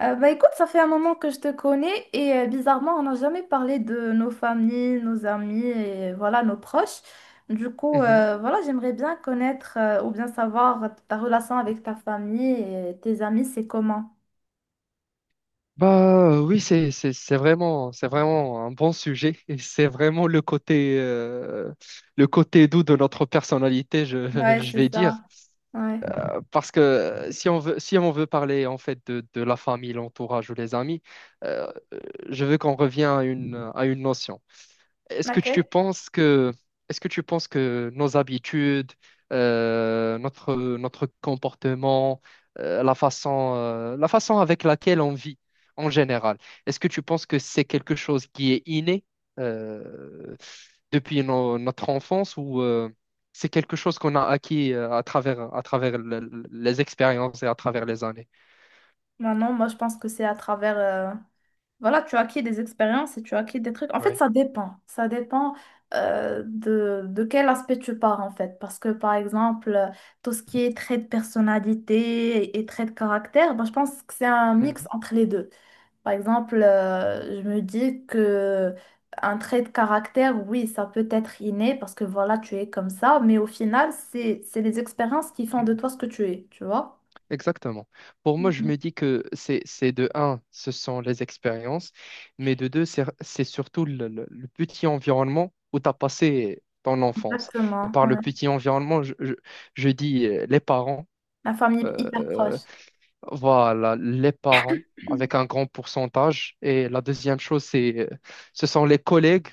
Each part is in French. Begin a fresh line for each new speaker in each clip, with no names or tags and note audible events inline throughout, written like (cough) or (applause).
Bah écoute, ça fait un moment que je te connais et bizarrement, on n'a jamais parlé de nos familles, nos amis et voilà, nos proches. Du coup,
Mhm.
voilà, j'aimerais bien connaître ou bien savoir ta relation avec ta famille et tes amis, c'est comment?
Oui, c'est vraiment c'est vraiment un bon sujet et c'est vraiment le côté doux de notre personnalité, je, (laughs)
Ouais,
je
c'est
vais
ça.
dire.
Ouais.
Parce que si on veut parler en fait de la famille, l'entourage ou les amis, euh, je veux qu'on revienne à une notion. Est-ce que tu
Laquelle?
penses que, est-ce que tu penses que nos habitudes, notre, notre comportement, la façon avec laquelle on vit en général, est-ce que tu penses que c'est quelque chose qui est inné, euh, depuis notre enfance ou c'est quelque chose qu'on a acquis à travers les expériences et à travers les années?
Bah non, moi je pense que c'est à travers voilà, tu acquiers des expériences et tu acquiers des trucs. En fait,
Ouais.
ça dépend. Ça dépend de quel aspect tu pars, en fait. Parce que, par exemple, tout ce qui est trait de personnalité et trait de caractère, ben, je pense que c'est un mix entre les deux. Par exemple, je me dis que un trait de caractère, oui, ça peut être inné parce que, voilà, tu es comme ça. Mais au final, c'est les expériences qui font de
Mhm.
toi ce que tu es, tu vois?
Exactement. Pour moi, je
Mhm.
me dis que c'est de un, ce sont les expériences, mais de deux, c'est surtout le, le petit environnement où tu as passé ton enfance. Et
Exactement,
par
ouais.
le petit environnement, je dis les parents,
La famille hyper
euh,
proche.
voilà, les parents avec un grand pourcentage. Et la deuxième chose, c'est ce sont les collègues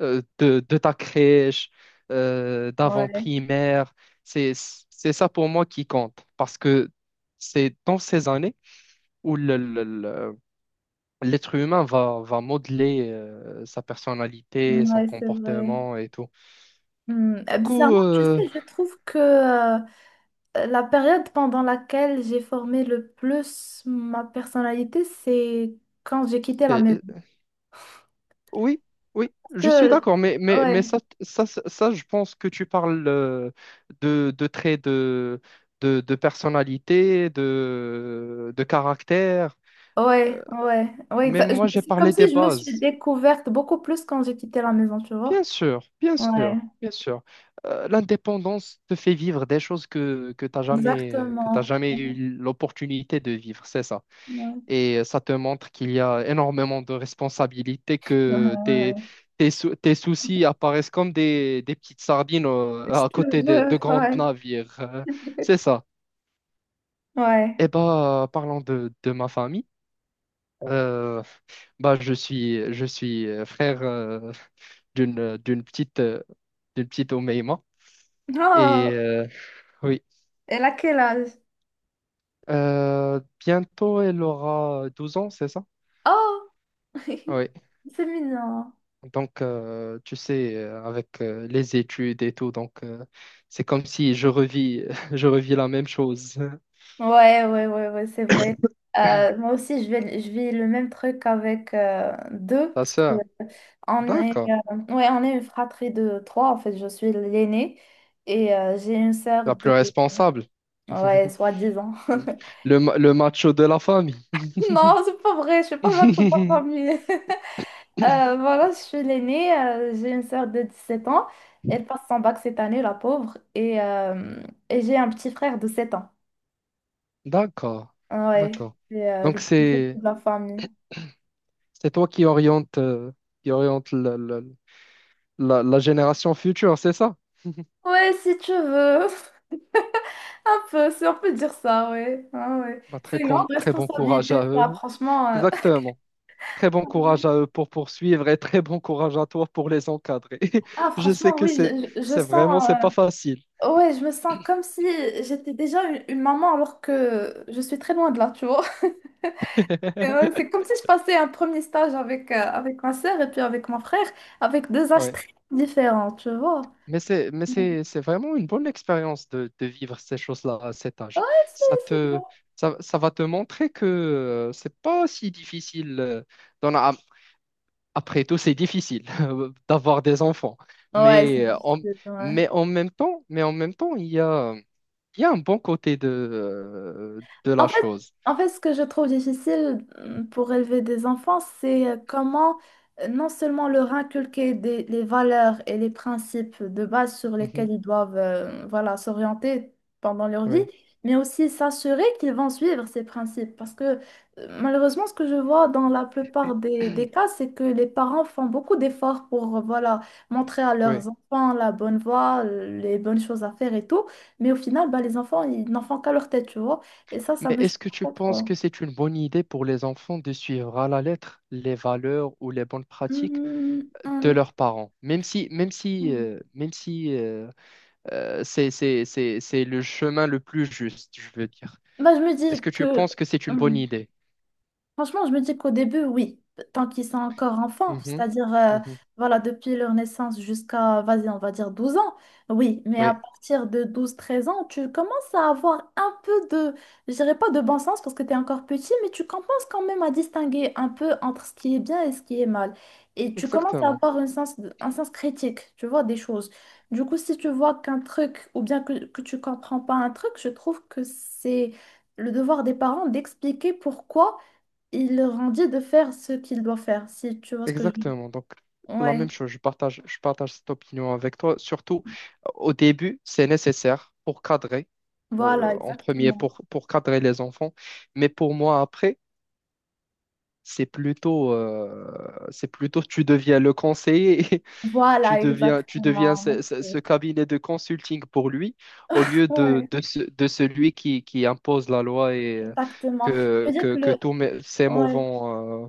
de ta crèche,
Ouais.
d'avant-primaire. C'est ça pour moi qui compte parce que c'est dans ces années où l'être humain va, va modeler sa personnalité, son
Ouais, c'est vrai.
comportement et tout.
Hmm.
Du coup,
Bizarrement, tu sais,
euh,
je trouve que la période pendant laquelle j'ai formé le plus ma personnalité, c'est quand j'ai quitté la maison.
Oui, oui,
Parce
je suis
que,
d'accord, mais
ouais,
ça, je pense que tu parles de traits de personnalité, de caractère. Mais moi, j'ai
c'est comme
parlé des
si je me suis
bases.
découverte beaucoup plus quand j'ai quitté la maison, tu vois.
Bien sûr, bien
Ouais,
sûr, bien sûr. L'indépendance te fait vivre des choses que tu n'as jamais, que t'as
exactement.
jamais eu
Ouais,
l'opportunité de vivre, c'est ça. Et ça te montre qu'il y a énormément de responsabilités,
ouais,
que tes,
ouais.
tes, tes soucis apparaissent comme des petites sardines
Je
à
te
côté de
jure,
grands
ouais.
navires. C'est
(laughs)
ça.
Ouais.
Et ben parlant de ma famille, euh, bah, je suis frère d'une, d'une petite Omeima. Et
Oh,
euh, oui,
elle a quel âge?
Bientôt elle aura 12 ans, c'est ça?
Oh,
Oui.
(laughs) c'est mignon.
Donc, tu sais, avec les études et tout, donc c'est comme si je revis, (laughs) je revis la même chose. (laughs)
Ouais, ouais, ouais, ouais, c'est vrai. Moi aussi, je vis le même truc avec deux,
Ta
parce que
sœur,
on est,
d'accord,
on est une fratrie de trois, en fait, je suis l'aînée, et j'ai une sœur
la plus
de,
responsable,
ouais,
(laughs)
soi-disant. (laughs)
le, le macho de la famille.
Non, c'est pas vrai, je suis pas votre propre
(laughs)
famille. (laughs) Voilà, je suis l'aînée, j'ai une sœur de 17 ans, elle passe son bac cette année, la pauvre, et j'ai un petit frère de 7 ans.
D'accord,
Ouais,
d'accord.
c'est
Donc
le petit chouchou
c'est
de la famille.
c'est toi qui oriente la, la génération future, c'est ça?
Ouais, si tu veux. (laughs) Un peu, si on peut dire ça, ouais. Ah, ouais.
Bah,
C'est une grande
très bon courage
responsabilité,
à eux.
ça,
(laughs)
franchement. (laughs)
Exactement. Très bon courage à eux pour poursuivre et très bon courage à toi pour les encadrer. (laughs)
Ah,
Je sais
franchement,
que
oui,
c'est
je, je- je
c'est
sens.
vraiment c'est
euh,
pas facile.
Ouais, je me sens comme
(clears throat)
si j'étais déjà une maman alors que je suis très loin de là, tu vois. (laughs) Et ouais, c'est comme si je passais un premier stage avec, avec ma sœur et puis avec mon frère, avec deux âges
Ouais.
très différents, tu vois.
Mais c'est mais
Ouais,
c'est c'est vraiment une bonne expérience de vivre ces choses-là à cet âge.
c'est
Ça
c'est
te
bon.
ça, ça va te montrer que c'est pas si difficile. D'en a- Après tout, c'est difficile (laughs) d'avoir des enfants.
Ouais, c'est
Mais euh, en,
difficile, ouais.
mais en même temps, mais en même temps, il y a un bon côté de la
En fait,
chose.
en fait, ce que je trouve difficile pour élever des enfants, c'est comment non seulement leur inculquer les valeurs et les principes de base sur lesquels
Mhm.
ils doivent voilà, s'orienter pendant leur vie,
Oui,
mais aussi s'assurer qu'ils vont suivre ces principes. Parce que malheureusement, ce que je vois dans la plupart des cas,
(clears throat)
c'est que les parents font beaucoup d'efforts pour voilà, montrer à
oui.
leurs enfants la bonne voie, les bonnes choses à faire et tout, mais au final, bah, les enfants, ils n'en font qu'à leur tête, tu vois. Et ça
Mais
me choque.
est-ce que tu
pas,
penses
quoi.
que c'est une bonne idée pour les enfants de suivre à la lettre les valeurs ou les bonnes pratiques
Hmm,
de leurs parents? Même si, même si,
hmm.
même si c'est, c'est le chemin le plus juste, je veux dire.
Bah, je me
Est-ce
dis
que tu
que…
penses que c'est une bonne
hmm,
idée?
franchement, je me dis qu'au début, oui, tant qu'ils sont encore enfants,
Mhm,
c'est-à-dire,
mhm.
voilà, depuis leur naissance jusqu'à, vas-y, on va dire 12 ans, oui, mais à
Oui,
partir de 12 13 ans, tu commences à avoir un peu de, je dirais pas de bon sens parce que tu es encore petit, mais tu commences quand même à distinguer un peu entre ce qui est bien et ce qui est mal. Et tu commences à
exactement.
avoir un sens critique, tu vois, des choses. Du coup, si tu vois qu'un truc, ou bien que tu comprends pas un truc, je trouve que c'est le devoir des parents d'expliquer pourquoi il leur en dit de faire ce qu'il doit faire, si tu vois ce que je veux dire.
Exactement. Donc, la
Ouais,
même chose, je partage cette opinion avec toi. Surtout, au début, c'est nécessaire pour cadrer.
voilà,
En premier
exactement.
pour cadrer les enfants. Mais pour moi, après, c'est plutôt tu deviens le conseiller, (laughs) et
Voilà,
tu deviens
exactement.
ce, ce
Merci.
cabinet de consulting pour lui, au lieu
Ouais,
de, de celui qui impose la loi et
exactement. Je veux
que,
dire
que,
que
que
le…
ces mots
Ouais.
vont,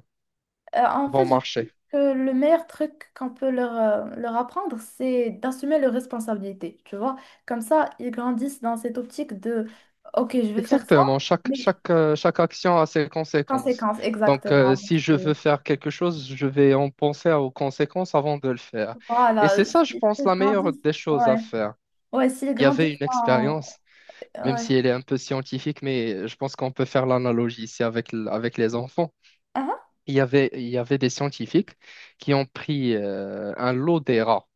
En fait,
vont
je dis
marcher.
que le meilleur truc qu'on peut leur, leur apprendre, c'est d'assumer leurs responsabilités, tu vois. Comme ça, ils grandissent dans cette optique de, OK, je vais faire ça,
Exactement, chaque,
mais
chaque, chaque action a ses conséquences.
conséquence,
Donc,
exactement.
si je veux
Merci.
faire quelque chose, je vais en penser aux conséquences avant de le faire. Et
Voilà,
c'est ça, je
ils
pense, la meilleure
grandissent.
des choses à
Ouais,
faire.
ouais, s'ils
Il y
grandissent
avait une
en…
expérience, même
Ouais.
si elle est un peu scientifique, mais je pense qu'on peut faire l'analogie ici avec, avec les enfants. Il y avait des scientifiques qui ont pris un lot des rats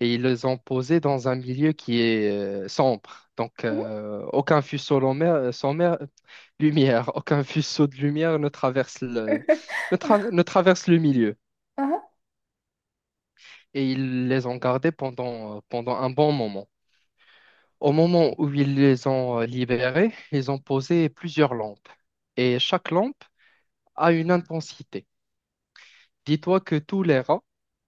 et ils les ont posés dans un milieu qui est sombre. Donc,
Mhm.
aucun faisceau lumière, sans mer- (laughs) lumière, aucun faisceau de lumière ne traverse le,
(laughs)
ne traverse le milieu.
Ah,
Et ils les ont gardés pendant, pendant un bon moment. Au moment où ils les ont libérés, ils ont posé plusieurs lampes. Et chaque lampe a une intensité. Dis-toi que tous les rats,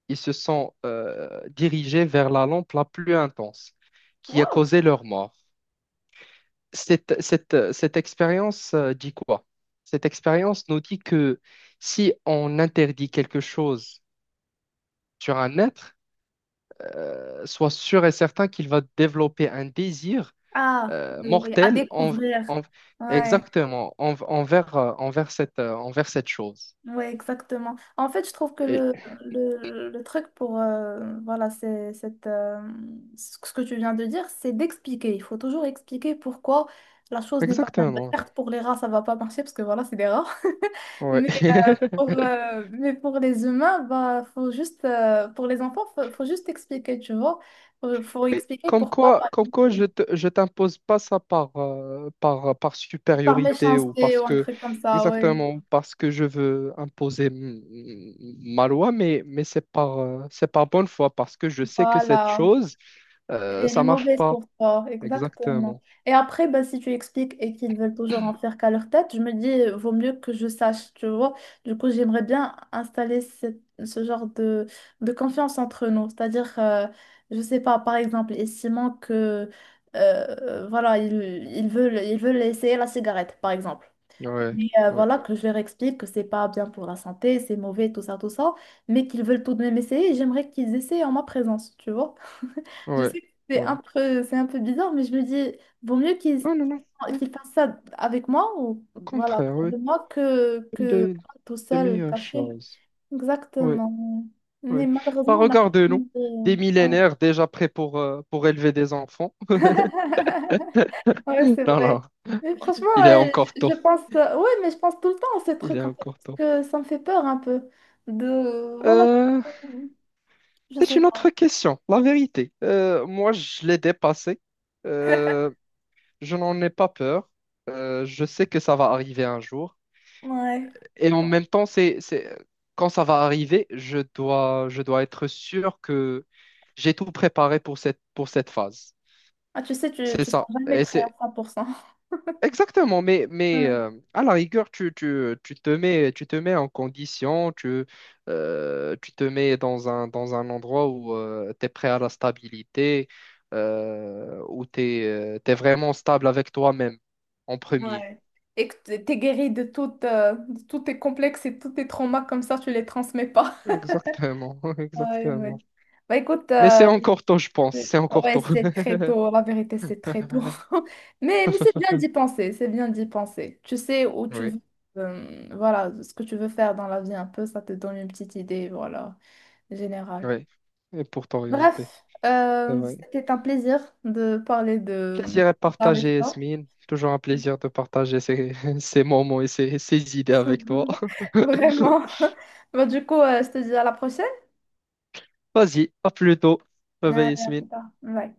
ils se sont dirigés vers la lampe la plus intense, qui a
wow.
causé leur mort. Cette cette expérience dit quoi? Cette expérience nous dit que si on interdit quelque chose sur un être, sois sûr et certain qu'il va développer un désir
Ah, oui, oui, à
mortel
découvrir.
en-
Ouais,
envers, envers cette chose.
ouais, exactement. En fait, je trouve que
Et-
le truc pour, voilà, ce que tu viens de dire, c'est d'expliquer. Il faut toujours expliquer pourquoi la chose n'est pas bien. Bah,
exactement,
certes, pour les rats, ça va pas marcher parce que voilà, c'est des rats. (laughs)
ouais.
Mais
(laughs)
mais pour les humains, bah, faut juste, pour les enfants, faut juste expliquer, tu vois. Faut expliquer pourquoi, pas
Comme quoi je t'impose pas ça par, par, par
par
supériorité ou
méchanceté
parce
ou un
que,
truc comme ça, oui.
exactement, parce que je veux imposer ma loi, mais c'est par bonne foi, parce que je sais que cette
Voilà.
chose,
Elle est
ça marche
mauvaise
pas.
pour toi, exactement.
Exactement.
Et après, bah, si tu expliques et qu'ils veulent toujours en faire qu'à leur tête, je me dis, vaut mieux que je sache, tu vois. Du coup, j'aimerais bien installer ce genre de confiance entre nous. C'est-à-dire, je sais pas, par exemple, et Simon que, voilà, ils, ils veulent essayer la cigarette, par exemple.
Ouais,
Mais
ouais,
voilà, que je leur explique que c'est pas bien pour la santé, c'est mauvais, tout ça, mais qu'ils veulent tout de même essayer, et j'aimerais qu'ils essaient en ma présence, tu vois. Je
ouais,
sais que
ouais.
c'est un peu bizarre, mais je me dis, vaut mieux qu'ils
Non, non, non, non,
qu'ils fassent ça avec moi, ou
au
voilà,
contraire,
près
oui.
de moi,
Une
que tout
des
seul,
meilleures
caché.
choses. Oui,
Exactement. Mais
oui. Bah,
malheureusement, on n'a pas besoin
regarde-nous, des
de… ouais.
millénaires déjà prêts pour élever des enfants.
(laughs) Ouais,
(laughs)
c'est
Non,
vrai.
non.
Mais franchement,
Il est encore
je
temps.
pense, ouais, mais je pense tout le temps à ce
Il est
truc en fait,
encore temps.
parce que ça me fait peur un peu. De, voilà,
Euh,
je
c'est
sais
une autre
pas.
question, la vérité. Moi, je l'ai dépassé. Euh, je n'en ai pas peur. Je sais que ça va arriver un jour.
Ouais. Je
Et
sais
en
pas.
même temps, c'est, quand ça va arriver, je dois être sûr que j'ai tout préparé pour cette phase.
Ah, tu sais,
C'est
tu seras
ça.
jamais prêt à 100%.
Exactement, mais,
Ouais.
à la rigueur, tu, tu te mets en condition, tu, tu te mets dans un endroit où tu es prêt à la stabilité, où tu es, vraiment stable avec toi-même en premier.
Ouais. Et que t'es guéri de tout, de tous tes complexes et tous tes traumas, comme ça, tu les transmets pas.
Exactement, (laughs)
Ouais, ouais.
exactement.
Bah écoute,
Mais c'est encore tôt, je pense,
ouais,
c'est encore
ouais,
tôt.
c'est très tôt, la vérité, c'est très tôt.
(laughs)
(laughs) Mais c'est bien d'y penser, c'est bien d'y penser. Tu sais où tu
Oui,
veux, voilà, ce que tu veux faire dans la vie un peu, ça te donne une petite idée, voilà, générale.
oui, et pour t'orienter,
Bref,
c'est vrai.
c'était un plaisir de parler de
Plaisir est
avec
partagé,
toi.
Yasmine. Toujours un plaisir de partager ces, (laughs) ces moments et ces, ces idées avec toi.
(laughs)
(laughs)
Vraiment. Bon, du coup, je te dis à la prochaine.
Vas-y, à plus tôt.
Allez,
Bye bye,
à
Yasmine.
plus tard. Bye.